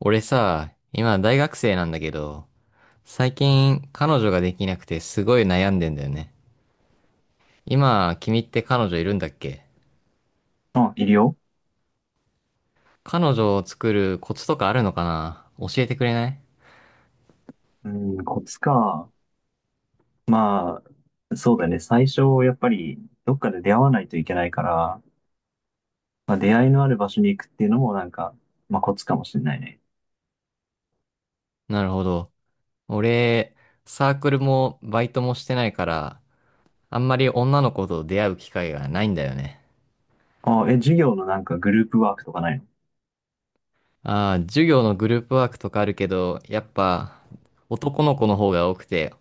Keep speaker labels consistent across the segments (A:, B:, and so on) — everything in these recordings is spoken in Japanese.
A: 俺さ、今大学生なんだけど、最近彼女ができなくてすごい悩んでんだよね。今、君って彼女いるんだっけ？
B: あ、いるよ。
A: 彼女を作るコツとかあるのかな？教えてくれない？
B: うん、コツか。まあ、そうだね。最初、やっぱり、どっかで出会わないといけないから、まあ、出会いのある場所に行くっていうのも、なんか、まあ、コツかもしれないね。
A: なるほど。俺、サークルもバイトもしてないから、あんまり女の子と出会う機会がないんだよね。
B: あ、え、授業のなんかグループワークとかないの？
A: ああ、授業のグループワークとかあるけど、やっぱ男の子の方が多くて、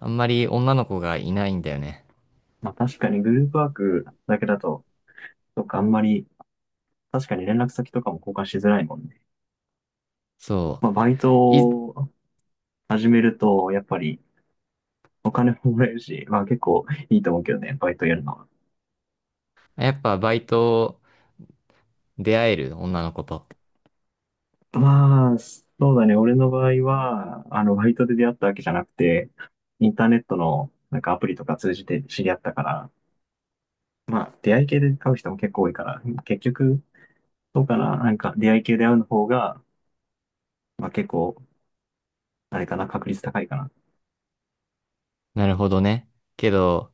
A: あんまり女の子がいないんだよね。
B: まあ、確かにグループワークだけだと、とかあんまり、確かに連絡先とかも交換しづらいもんね。
A: そ
B: まあ、バイト
A: う。
B: を始めると、やっぱり、お金ももらえるし、まあ、結構いいと思うけどね、バイトやるのは。
A: やっぱバイト出会える女の子と。
B: まあ、そうだね。俺の場合は、あの、バイトで出会ったわけじゃなくて、インターネットの、なんかアプリとか通じて知り合ったから、まあ、出会い系で会う人も結構多いから、結局、そうかな。なんか、出会い系で会うの方が、まあ結構、あれかな、確率高いかな。
A: なるほどね。けど、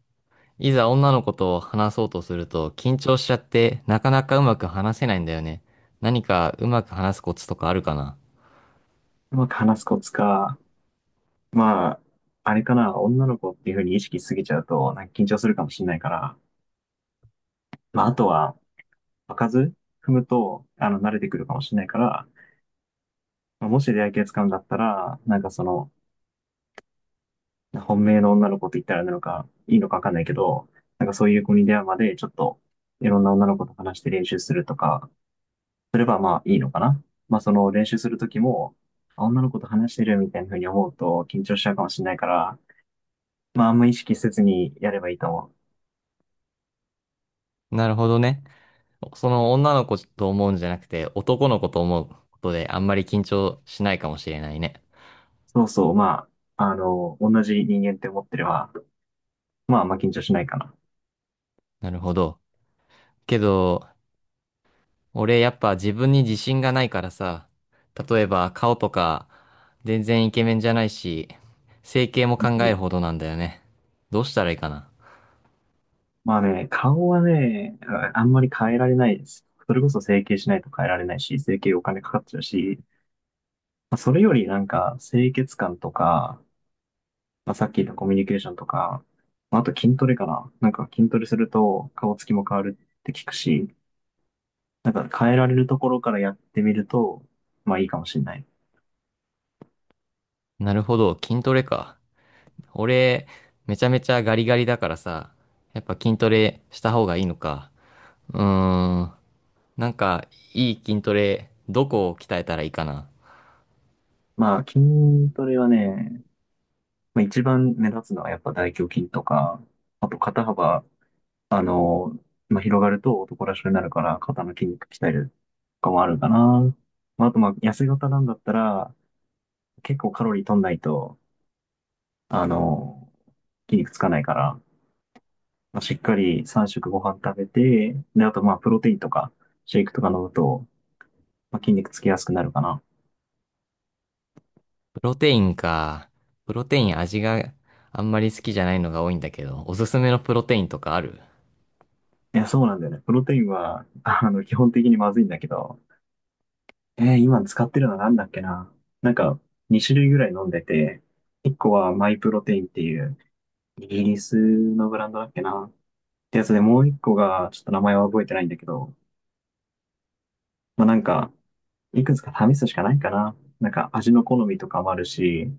A: いざ女の子と話そうとすると緊張しちゃってなかなかうまく話せないんだよね。何かうまく話すコツとかあるかな？
B: うまく話すコツか、まあ、あれかな、女の子っていうふうに意識しすぎちゃうと、なんか緊張するかもしれないから、まあ、あとは、場数踏むと、あの、慣れてくるかもしれないから、まあもし出会い系使うんだったら、なんかその、本命の女の子と言ったらなのか、いいのかわかんないけど、なんかそういう子に出会うまで、ちょっと、いろんな女の子と話して練習するとか、すればまあいいのかな。まあその練習するときも、あ女の子と話してるみたいな風に思うと緊張しちゃうかもしれないから、まああんま意識せずにやればいいと思う。
A: なるほどね。その女の子と思うんじゃなくて男の子と思うことであんまり緊張しないかもしれないね。
B: そうそう、まあ、あの、同じ人間って思ってれば、まああんま緊張しないかな。
A: なるほど。けど、俺やっぱ自分に自信がないからさ、例えば顔とか全然イケメンじゃないし、整形も
B: う
A: 考え
B: ん。
A: るほどなんだよね。どうしたらいいかな。
B: まあね、顔はね、ああんまり変えられないです。それこそ整形しないと変えられないし、整形お金かかっちゃうし、まあ、それよりなんか、清潔感とか、まあ、さっき言ったコミュニケーションとか、まああと筋トレかな。なんか筋トレすると顔つきも変わるって聞くし、なんか変えられるところからやってみると、まあいいかもしれない。
A: なるほど、筋トレか。俺、めちゃめちゃガリガリだからさ、やっぱ筋トレした方がいいのか。うーん、なんかいい筋トレ、どこを鍛えたらいいかな。
B: まあ筋トレはね、まあ、一番目立つのはやっぱ大胸筋とか、あと肩幅、あの、まあ、広がると男らしくなるから肩の筋肉鍛えるとかもあるかな。まあ、あとまあ痩せ型なんだったら結構カロリー取んないと、あの、筋肉つかないから、まあ、しっかり3食ご飯食べて、で、あとまあ、プロテインとか、シェイクとか飲むと、まあ、筋肉つきやすくなるかな。
A: プロテインか。プロテイン味があんまり好きじゃないのが多いんだけど、おすすめのプロテインとかある？
B: いや、そうなんだよね。プロテインは、あの、基本的にまずいんだけど、今使ってるのなんだっけな。なんか、2種類ぐらい飲んでて、1個はマイプロテインっていう、イギリスのブランドだっけな。ってやつで、もう1個が、ちょっと名前は覚えてないんだけど、まあ、なんか、いくつか試すしかないかな。なんか、味の好みとかもあるし、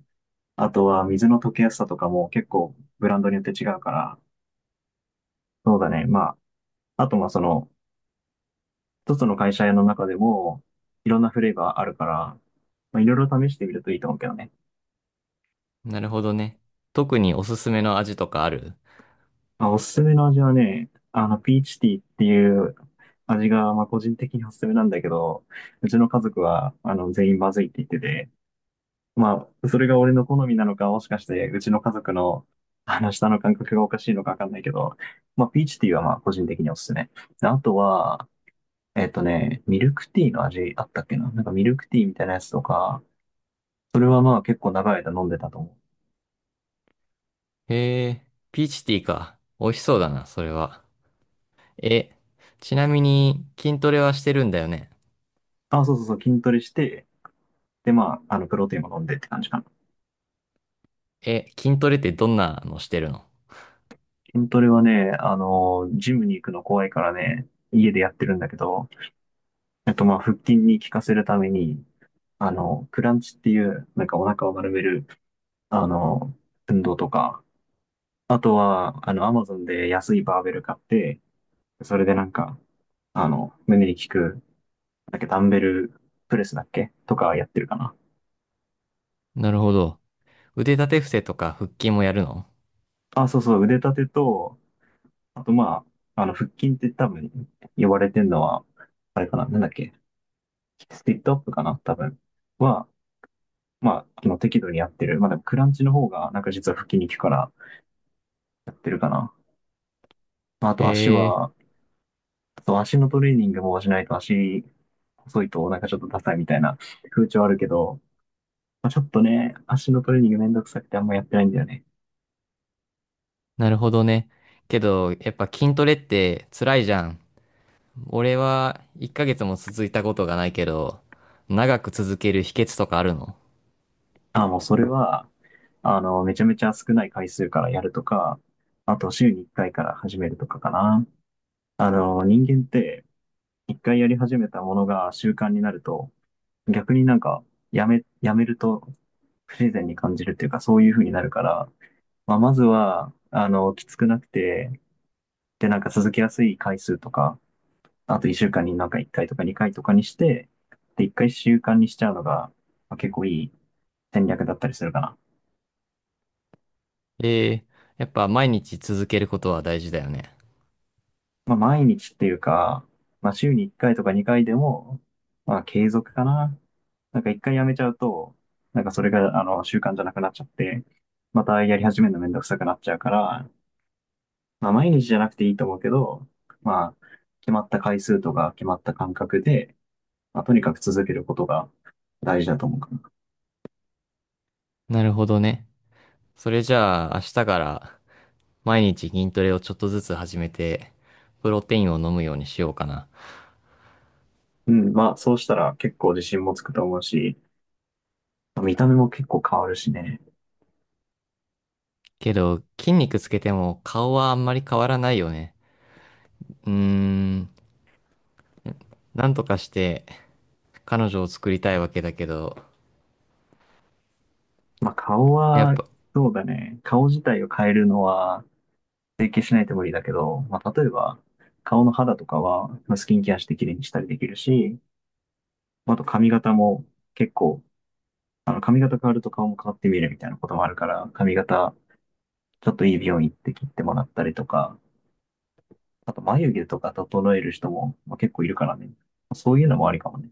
B: あとは水の溶けやすさとかも結構ブランドによって違うから、そうだね。まあ、あとまあその、一つの会社の中でも、いろんなフレーバーあるから、まあ、いろいろ試してみるといいと思うけどね。
A: なるほどね。特におすすめの味とかある？
B: まあ、おすすめの味はね、あの、ピーチティーっていう味が、まあ個人的におすすめなんだけど、うちの家族は、あの、全員まずいって言ってて、まあ、それが俺の好みなのか、もしかして、うちの家族の、あの、舌の感覚がおかしいのかわかんないけど、まあ、ピーチティーはまあ、個人的におすすめ。であとは、ミルクティーの味あったっけな。なんかミルクティーみたいなやつとか、それはまあ結構長い間飲んでたと思う。
A: へえ、ピーチティーか。美味しそうだな、それは。え、ちなみに筋トレはしてるんだよね。
B: あ、そうそうそう、筋トレして、でまあ、あの、プロテインも飲んでって感じかな。
A: え、筋トレってどんなのしてるの？
B: 筋トレはね、あの、ジムに行くの怖いからね、家でやってるんだけど、まあ、腹筋に効かせるために、あの、クランチっていう、なんかお腹を丸める、あの、運動とか、あとは、あの、アマゾンで安いバーベル買って、それでなんか、あの、胸に効くだっけ、ダンベルプレスだっけとかやってるかな。
A: なるほど。腕立て伏せとか腹筋もやるの？
B: あ、そうそう、腕立てと、あとまあ、あの、腹筋って多分呼ばれてるのは、あれかな、なんだっけ、スティットアップかな、多分は、まあ、あの適度にやってる。まあでもクランチの方が、なんか実は腹筋に効くからやってるかな。まああ
A: へ
B: と足
A: え、
B: は、あと足のトレーニングもしないと足細いとなんかちょっとダサいみたいな風潮あるけど、まあ、ちょっとね、足のトレーニングめんどくさくてあんまやってないんだよね。
A: なるほどね。けど、やっぱ筋トレって辛いじゃん。俺は1ヶ月も続いたことがないけど、長く続ける秘訣とかあるの？
B: あ、もうそれは、あの、めちゃめちゃ少ない回数からやるとか、あと週に1回かいから始めるとかかな。あの、人間って1回やり始めたものが習慣になると、逆になんかやめると不自然に感じるっていうかそういう風になるから、まあ、まずは、あの、きつくなくて、で、なんか続けやすい回数とか、あと1週間になんか1回とか2回とかにして、で、1回習慣にしちゃうのが、まあ、結構いい戦略だったりするかな。
A: ええ、やっぱ毎日続けることは大事だよね。
B: まあ、毎日っていうか、まあ、週に1回とか2回でも、まあ、継続かな。なんか1回やめちゃうと、なんかそれが、あの、習慣じゃなくなっちゃって、またやり始めるのめんどくさくなっちゃうから、まあ、毎日じゃなくていいと思うけど、まあ、決まった回数とか決まった間隔で、まあ、とにかく続けることが大事だと思うかな。
A: なるほどね。それじゃあ、明日から毎日筋トレをちょっとずつ始めて、プロテインを飲むようにしようかな。
B: うん、まあ、そうしたら結構自信もつくと思うし、まあ見た目も結構変わるしね。
A: けど、筋肉つけても顔はあんまり変わらないよね。うーん、なんとかして彼女を作りたいわけだけど、
B: まあ、顔
A: やっ
B: は、
A: ぱ、
B: そうだね。顔自体を変えるのは、整形しないと無理だけど、まあ、例えば、顔の肌とかは、まあスキンケアして綺麗にしたりできるし、まあと髪型も結構、あの髪型変わると顔も変わって見えるみたいなこともあるから、髪型、ちょっといい美容院行って切ってもらったりとか、あと眉毛とか整える人も、まあ、結構いるからね。そういうのもありかもね。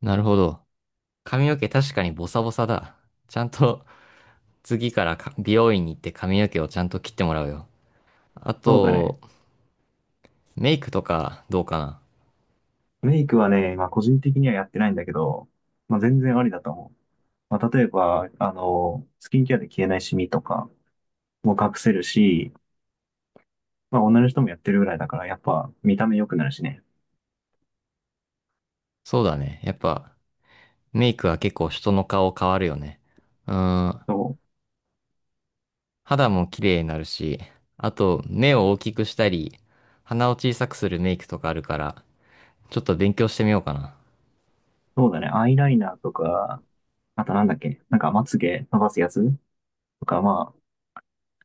A: なるほど。髪の毛確かにボサボサだ。ちゃんと次からか美容院に行って髪の毛をちゃんと切ってもらうよ。あ
B: そうだね。
A: と、メイクとかどうかな。
B: メイクはね、まあ個人的にはやってないんだけど、まあ全然ありだと思う。まあ例えば、あの、スキンケアで消えないシミとかも隠せるし、まあ、女の人もやってるぐらいだから、やっぱ見た目良くなるしね。
A: そうだね。やっぱ、メイクは結構人の顔変わるよね。うーん、
B: そう、
A: 肌も綺麗になるし、あと目を大きくしたり、鼻を小さくするメイクとかあるから、ちょっと勉強してみようかな。
B: そうだね。アイライナーとか、あとなんだっけ、なんかまつげ伸ばすやつとか、まあ、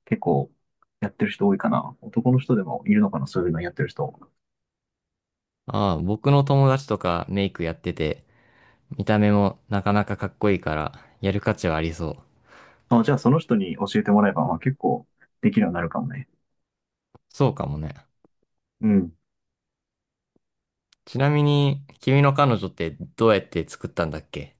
B: 結構やってる人多いかな。男の人でもいるのかな、そういうのやってる人。
A: ああ、僕の友達とかメイクやってて、見た目もなかなかかっこいいから、やる価値はありそう。
B: まあ、じゃあその人に教えてもらえば、まあ結構できるようになるかもね。
A: そうかもね。
B: うん。
A: ちなみに、君の彼女ってどうやって作ったんだっけ？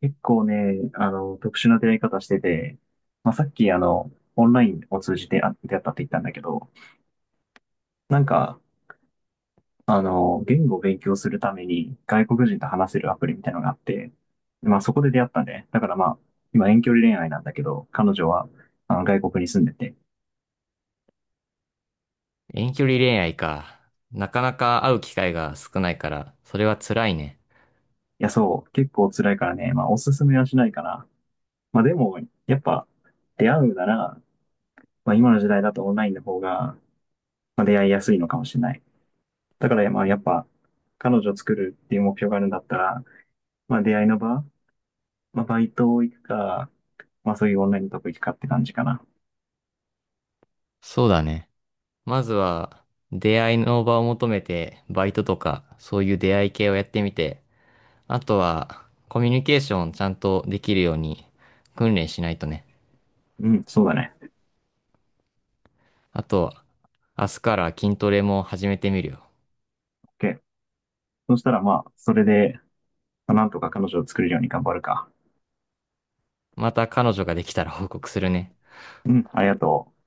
B: 結構ね、あの、特殊な出会い方してて、まあさっきあの、オンラインを通じてあ出会ったって言ったんだけど、なんか、あの、言語を勉強するために外国人と話せるアプリみたいなのがあって、まあそこで出会ったんで、だからまあ、今遠距離恋愛なんだけど、彼女はあの外国に住んでて、
A: 遠距離恋愛か。なかなか会う機会が少ないから、それは辛いね。
B: いやそう、結構辛いからね、まあおすすめはしないかな。まあでも、やっぱ出会うなら、まあ今の時代だとオンラインの方が、まあ、出会いやすいのかもしれない。だからまあやっぱ、彼女を作るっていう目標があるんだったら、まあ出会いの場、まあバイト行くか、まあそういうオンラインのとこ行くかって感じかな。
A: そうだね。まずは、出会いの場を求めて、バイトとか、そういう出会い系をやってみて、あとは、コミュニケーションちゃんとできるように、訓練しないとね。
B: うん、そうだね。
A: あと、明日から筋トレも始めてみるよ。
B: OK。そしたらまあ、それで、なんとか彼女を作るように頑張るか。
A: また彼女ができたら報告するね。
B: うん、ありがとう。